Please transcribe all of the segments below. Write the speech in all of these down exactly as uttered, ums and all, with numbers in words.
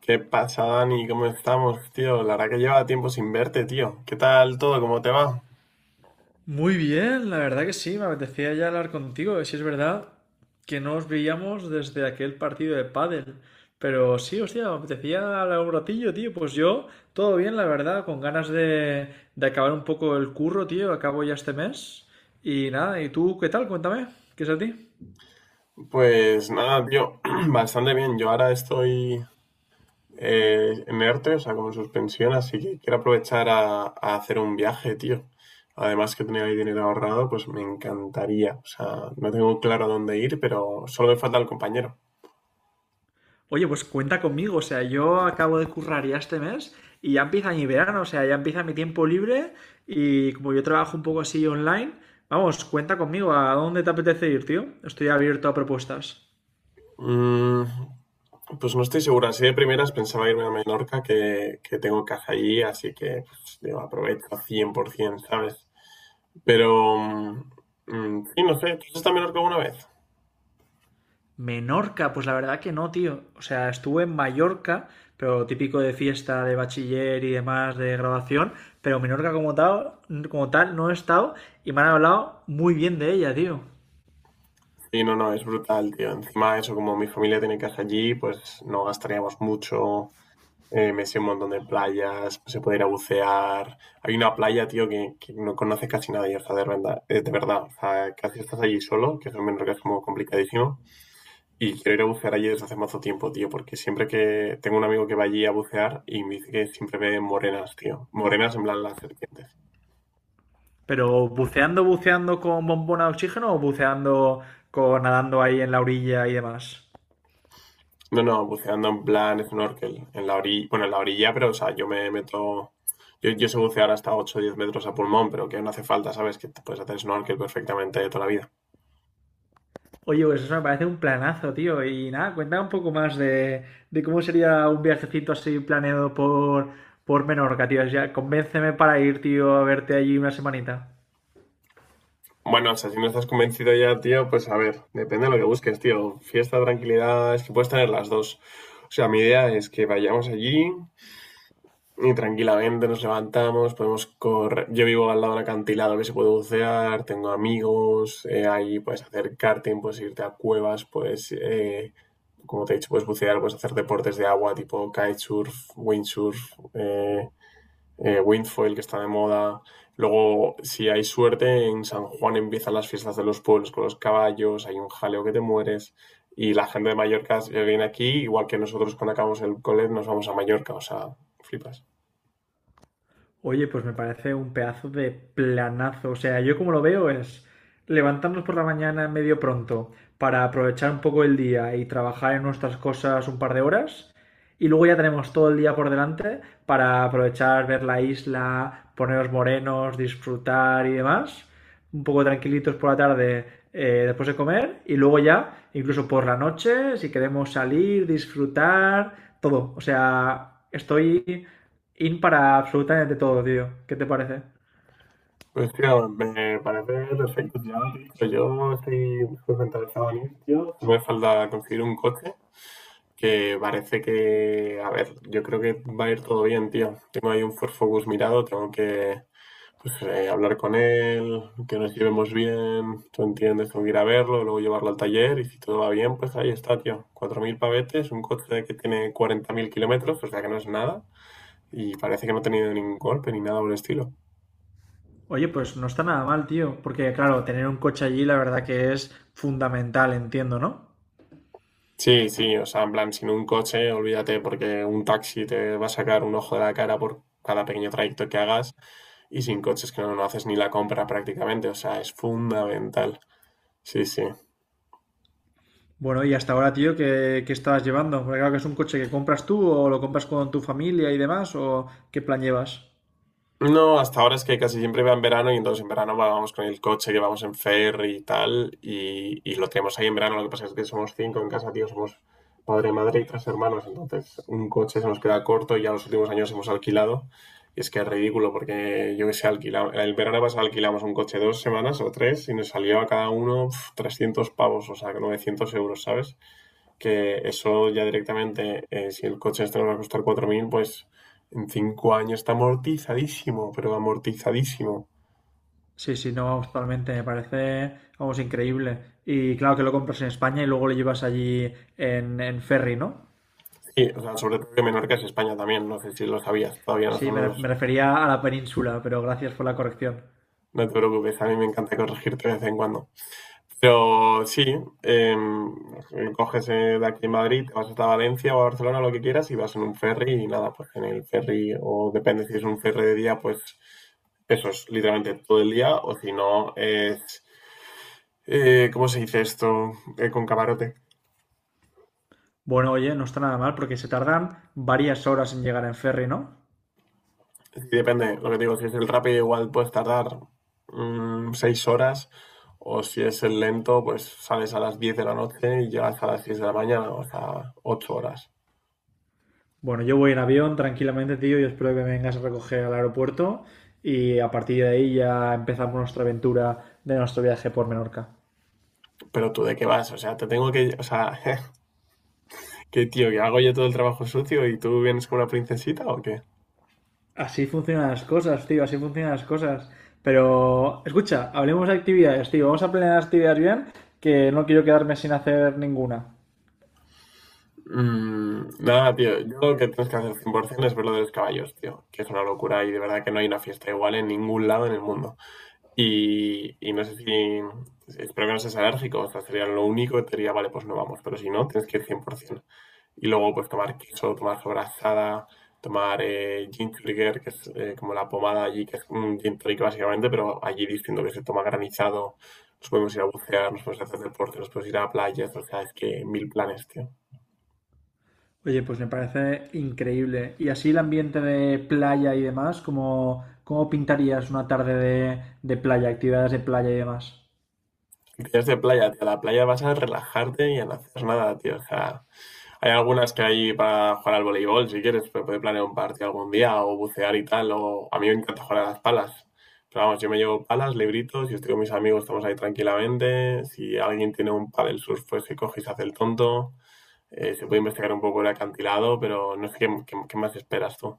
¿Qué pasa, Dani? ¿Cómo estamos, tío? La verdad que lleva tiempo sin verte, tío. ¿Qué tal todo? ¿Cómo te va? Muy bien, la verdad que sí, me apetecía ya hablar contigo. Si es verdad que no os veíamos desde aquel partido de pádel, pero sí, hostia, me apetecía hablar un ratillo, tío. Pues yo, todo bien, la verdad, con ganas de, de acabar un poco el curro, tío. Acabo ya este mes. Y nada, ¿y tú qué tal? Cuéntame, ¿qué es a ti? Pues nada, tío, bastante bien. Yo ahora estoy eh, en ERTE, o sea, como en suspensión, así que quiero aprovechar a, a hacer un viaje, tío. Además que tenía ahí dinero ahorrado, pues me encantaría. O sea, no tengo claro a dónde ir, pero solo me falta el compañero. Oye, pues cuenta conmigo, o sea, yo acabo de currar ya este mes y ya empieza mi verano, o sea, ya empieza mi tiempo libre y como yo trabajo un poco así online, vamos, cuenta conmigo, ¿a dónde te apetece ir, tío? Estoy abierto a propuestas. Mm, Pues no estoy segura. Así de primeras pensaba irme a Menorca, que, que tengo casa allí, así que pues, digo, aprovecho cien por ciento, ¿sabes? Pero, mm, mm, sí, no sé, ¿tú has estado en Menorca alguna vez? Menorca, pues la verdad que no, tío. O sea, estuve en Mallorca, pero típico de fiesta, de bachiller y demás, de graduación, pero Menorca como tal, como tal no he estado y me han hablado muy bien de ella, tío. Sí, no, no, es brutal, tío. Encima eso, como mi familia tiene casa allí, pues no gastaríamos mucho. Eh, me sé un montón de playas, se puede ir a bucear. Hay una playa, tío, que, que no conoce casi nadie, o sea, de verdad, eh, de verdad, o sea, casi estás allí solo, que eso en Menorca es como complicadísimo. Y quiero ir a bucear allí desde hace mazo tiempo, tío, porque siempre que tengo un amigo que va allí a bucear y me dice que siempre ve morenas, tío. Morenas en plan las serpientes. Pero buceando, buceando con bombona de oxígeno o buceando con nadando ahí en la orilla y demás. No, no, buceando en plan snorkel, en la orilla, bueno, en la orilla, pero o sea, yo me meto, yo, yo sé bucear hasta ocho o diez metros a pulmón, pero que no hace falta, ¿sabes? Que te puedes hacer snorkel perfectamente de toda la vida. Oye, pues eso me parece un planazo, tío. Y nada, cuéntame un poco más de, de cómo sería un viajecito así planeado por, por Menorca, tío. Ya, convénceme para ir, tío, a verte allí una semanita. Bueno, o sea, si no estás convencido ya, tío, pues a ver, depende de lo que busques, tío. Fiesta, tranquilidad, es que puedes tener las dos. O sea, mi idea es que vayamos allí, y tranquilamente nos levantamos, podemos correr. Yo vivo al lado de un acantilado que se puede bucear, tengo amigos, eh, ahí puedes hacer karting, puedes irte a cuevas, puedes, eh, como te he dicho, puedes bucear, puedes hacer deportes de agua tipo kitesurf, windsurf, eh, eh, windfoil que está de moda. Luego, si hay suerte, en San Juan empiezan las fiestas de los pueblos con los caballos, hay un jaleo que te mueres. Y la gente de Mallorca si viene aquí, igual que nosotros cuando acabamos el cole nos vamos a Mallorca, o sea, flipas. Oye, pues me parece un pedazo de planazo. O sea, yo como lo veo es levantarnos por la mañana medio pronto para aprovechar un poco el día y trabajar en nuestras cosas un par de horas. Y luego ya tenemos todo el día por delante para aprovechar, ver la isla, ponernos morenos, disfrutar y demás. Un poco tranquilitos por la tarde eh, después de comer. Y luego ya, incluso por la noche, si queremos salir, disfrutar, todo. O sea, estoy in para absolutamente todo, tío. ¿Qué te parece? Pues tío, me parece perfecto. Ya lo he dicho, yo estoy súper interesado en ir, tío. No me falta conseguir un coche que parece que, a ver, yo creo que va a ir todo bien, tío. Tengo ahí un Ford Focus mirado, tengo que pues, eh, hablar con él, que nos llevemos bien, tú entiendes, tengo que ir a verlo, luego llevarlo al taller y si todo va bien, pues ahí está, tío. Cuatro mil pavetes, un coche que tiene cuarenta mil kilómetros, o sea que no es nada y parece que no ha tenido ningún golpe ni nada por el estilo. Oye, pues no está nada mal, tío. Porque, claro, tener un coche allí, la verdad que es fundamental, entiendo, ¿no? Sí, sí, o sea, en plan, sin un coche, olvídate, porque un taxi te va a sacar un ojo de la cara por cada pequeño trayecto que hagas, y sin coches, que no, no haces ni la compra prácticamente, o sea, es fundamental. Sí, sí. Bueno, y hasta ahora, tío, ¿qué, qué estabas llevando? Porque claro que es un coche que compras tú o lo compras con tu familia y demás, o qué plan llevas. No, hasta ahora es que casi siempre va en verano y entonces en verano vamos con el coche que vamos en ferry y tal y, y lo tenemos ahí en verano. Lo que pasa es que somos cinco en casa, tío, somos padre, madre y tres hermanos, entonces un coche se nos queda corto y ya los últimos años hemos alquilado, y es que es ridículo porque yo que sé, alquila- el verano pasado alquilamos un coche dos semanas o tres y nos salió a cada uno pf, trescientos pavos, o sea, novecientos euros, ¿sabes? Que eso ya directamente, eh, si el coche este nos va a costar cuatro mil, pues en cinco años está amortizadísimo, pero amortizadísimo. Sí, sí, no, vamos, totalmente, me parece, vamos, increíble. Y claro que lo compras en España y luego lo llevas allí en, en ferry, ¿no? Sí, o sea, sobre todo que Menorca es España también, no sé si lo sabías, todavía no Sí, me, son re- los... me refería a la península, pero gracias por la corrección. No te preocupes, a mí me encanta corregirte de vez en cuando. Pero sí, eh, coges eh, de aquí en Madrid, te vas hasta Valencia o a Barcelona, lo que quieras, y vas en un ferry y nada, pues en el ferry, o depende si es un ferry de día, pues eso es literalmente todo el día, o si no, es... Eh, ¿cómo se dice esto? Eh, con camarote. Bueno, oye, no está nada mal porque se tardan varias horas en llegar en ferry, ¿no? Sí, depende, lo que te digo, si es el rápido igual puedes tardar mm, seis horas, o si es el lento pues sales a las diez de la noche y llegas a las seis de la mañana, o sea, ocho horas. Bueno, yo voy en avión tranquilamente, tío, y espero que me vengas a recoger al aeropuerto y a partir de ahí ya empezamos nuestra aventura de nuestro viaje por Menorca. ¿Pero tú de qué vas? O sea, te tengo que, o sea, qué tío, que hago yo todo el trabajo sucio y tú vienes como una princesita, ¿o qué? Así funcionan las cosas, tío, así funcionan las cosas. Pero, escucha, hablemos de actividades, tío. Vamos a planear actividades bien, que no quiero quedarme sin hacer ninguna. Mm, nada, tío, yo lo que tienes que hacer cien por ciento es ver lo de los caballos, tío, que es una locura y de verdad que no hay una fiesta igual en ningún lado en el mundo. Y, y no sé si. Espero que no seas alérgico, o sea, sería lo único que te diría, vale, pues no vamos, pero si no, tienes que ir cien por ciento. Y luego, pues tomar queso, tomar sobrasada, tomar eh, gin trigger, que es eh, como la pomada allí, que es un gin tonic básicamente, pero allí diciendo que se toma granizado, nos podemos ir a bucear, nos podemos hacer deporte, nos podemos ir a playas, o sea, es que mil planes, tío. Oye, pues me parece increíble. Y así el ambiente de playa y demás, ¿cómo, cómo pintarías una tarde de, de playa, actividades de playa y demás? Actividades de playa, tío, a la playa vas a relajarte y a no hacer nada, tío, o sea, hay algunas que hay para jugar al voleibol, si quieres, pero puede planear un partido algún día o bucear y tal. O... A mí me encanta jugar a las palas. Pero vamos, yo me llevo palas, libritos, y estoy con mis amigos, estamos ahí tranquilamente. Si alguien tiene un paddle surf, pues se coge y se hace el tonto. Eh, se puede investigar un poco el acantilado, pero no sé qué, qué- qué más esperas tú.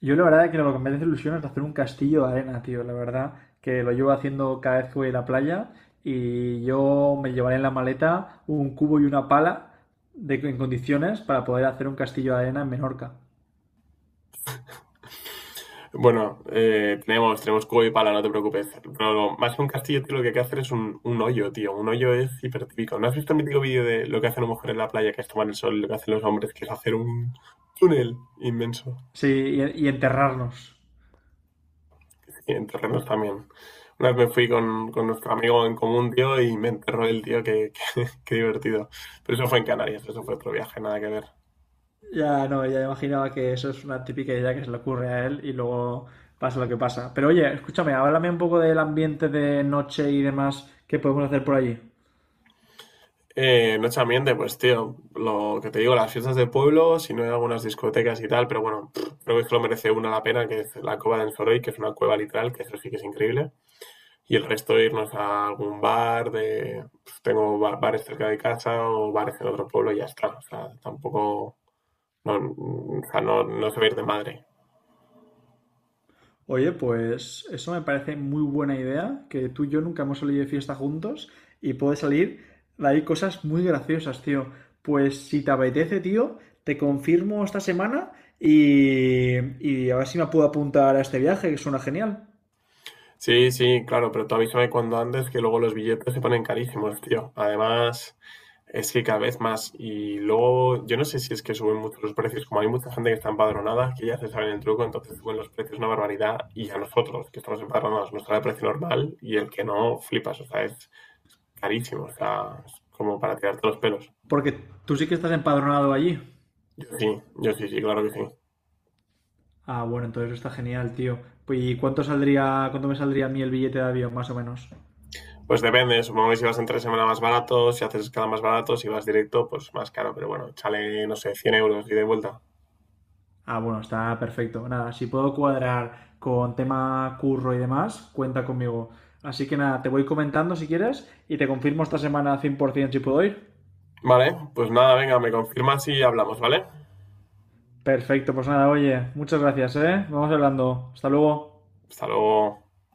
Yo la verdad que lo que me hace ilusión es hacer un castillo de arena, tío. La verdad que lo llevo haciendo cada vez que voy a la playa y yo me llevaré en la maleta un cubo y una pala de, en condiciones para poder hacer un castillo de arena en Menorca. Bueno, eh, tenemos, tenemos cubo y pala, no te preocupes. Pero lo- más que un castillo, tío, lo que hay que hacer es un, un hoyo, tío. Un hoyo es hipertípico. ¿No has visto el mítico vídeo de lo que hace una mujer en la playa, que es tomar el sol, y lo que hacen los hombres, que es hacer un túnel inmenso? Sí, y y enterrarnos. Y en terrenos también. Una vez me fui con, con nuestro amigo en común, tío, y me enterró el tío, que, que- qué divertido. Pero eso fue en Canarias, eso fue otro viaje, nada que ver. Ya, no, ya imaginaba que eso es una típica idea que se le ocurre a él y luego pasa lo que pasa. Pero oye, escúchame, háblame un poco del ambiente de noche y demás que podemos hacer por allí. Eh, noche ambiente, pues tío, lo que te digo, las fiestas de pueblo, si no hay algunas discotecas y tal, pero bueno, pff, creo que es que lo merece una la pena, que es la Cova del Soroy, que es una cueva literal, que eso sí que es increíble. Y el resto irnos a algún bar, de pues, tengo ba- bares cerca de casa o bares en otro pueblo y ya está. O sea, tampoco, no, mm, o sea, no, no se va a ir de madre. Oye, pues eso me parece muy buena idea, que tú y yo nunca hemos salido de fiesta juntos y puede salir de ahí cosas muy graciosas, tío. Pues si te apetece, tío, te confirmo esta semana y, y a ver si me puedo apuntar a este viaje, que suena genial. Sí, sí, claro, pero tú avísame cuando antes que luego los billetes se ponen carísimos, tío. Además... es que cada vez más. Y luego, yo no sé si es que suben mucho los precios, como hay mucha gente que está empadronada, que ya se saben el truco, entonces suben los precios una barbaridad. Y a nosotros, que estamos empadronados, nos sale el precio normal y el que no, flipas. O sea, es carísimo. O sea, es como para tirarte los pelos. Porque tú sí que estás empadronado allí. Yo sí, yo sí, sí, claro que sí. Ah, bueno, entonces está genial, tío. Pues, ¿y cuánto saldría, cuánto me saldría a mí el billete de avión, más o menos? Pues depende, supongo que si vas entre semana más barato, si haces escala más barato, si vas directo, pues más caro. Pero bueno, chale, no sé, cien euros y de vuelta. Ah, bueno, está perfecto. Nada, si puedo cuadrar con tema curro y demás, cuenta conmigo. Así que nada, te voy comentando si quieres y te confirmo esta semana cien por ciento si puedo ir. Vale, pues nada, venga, me confirmas y hablamos, ¿vale? Perfecto, pues nada, oye, muchas gracias, ¿eh? Vamos hablando. Hasta luego. Hasta luego.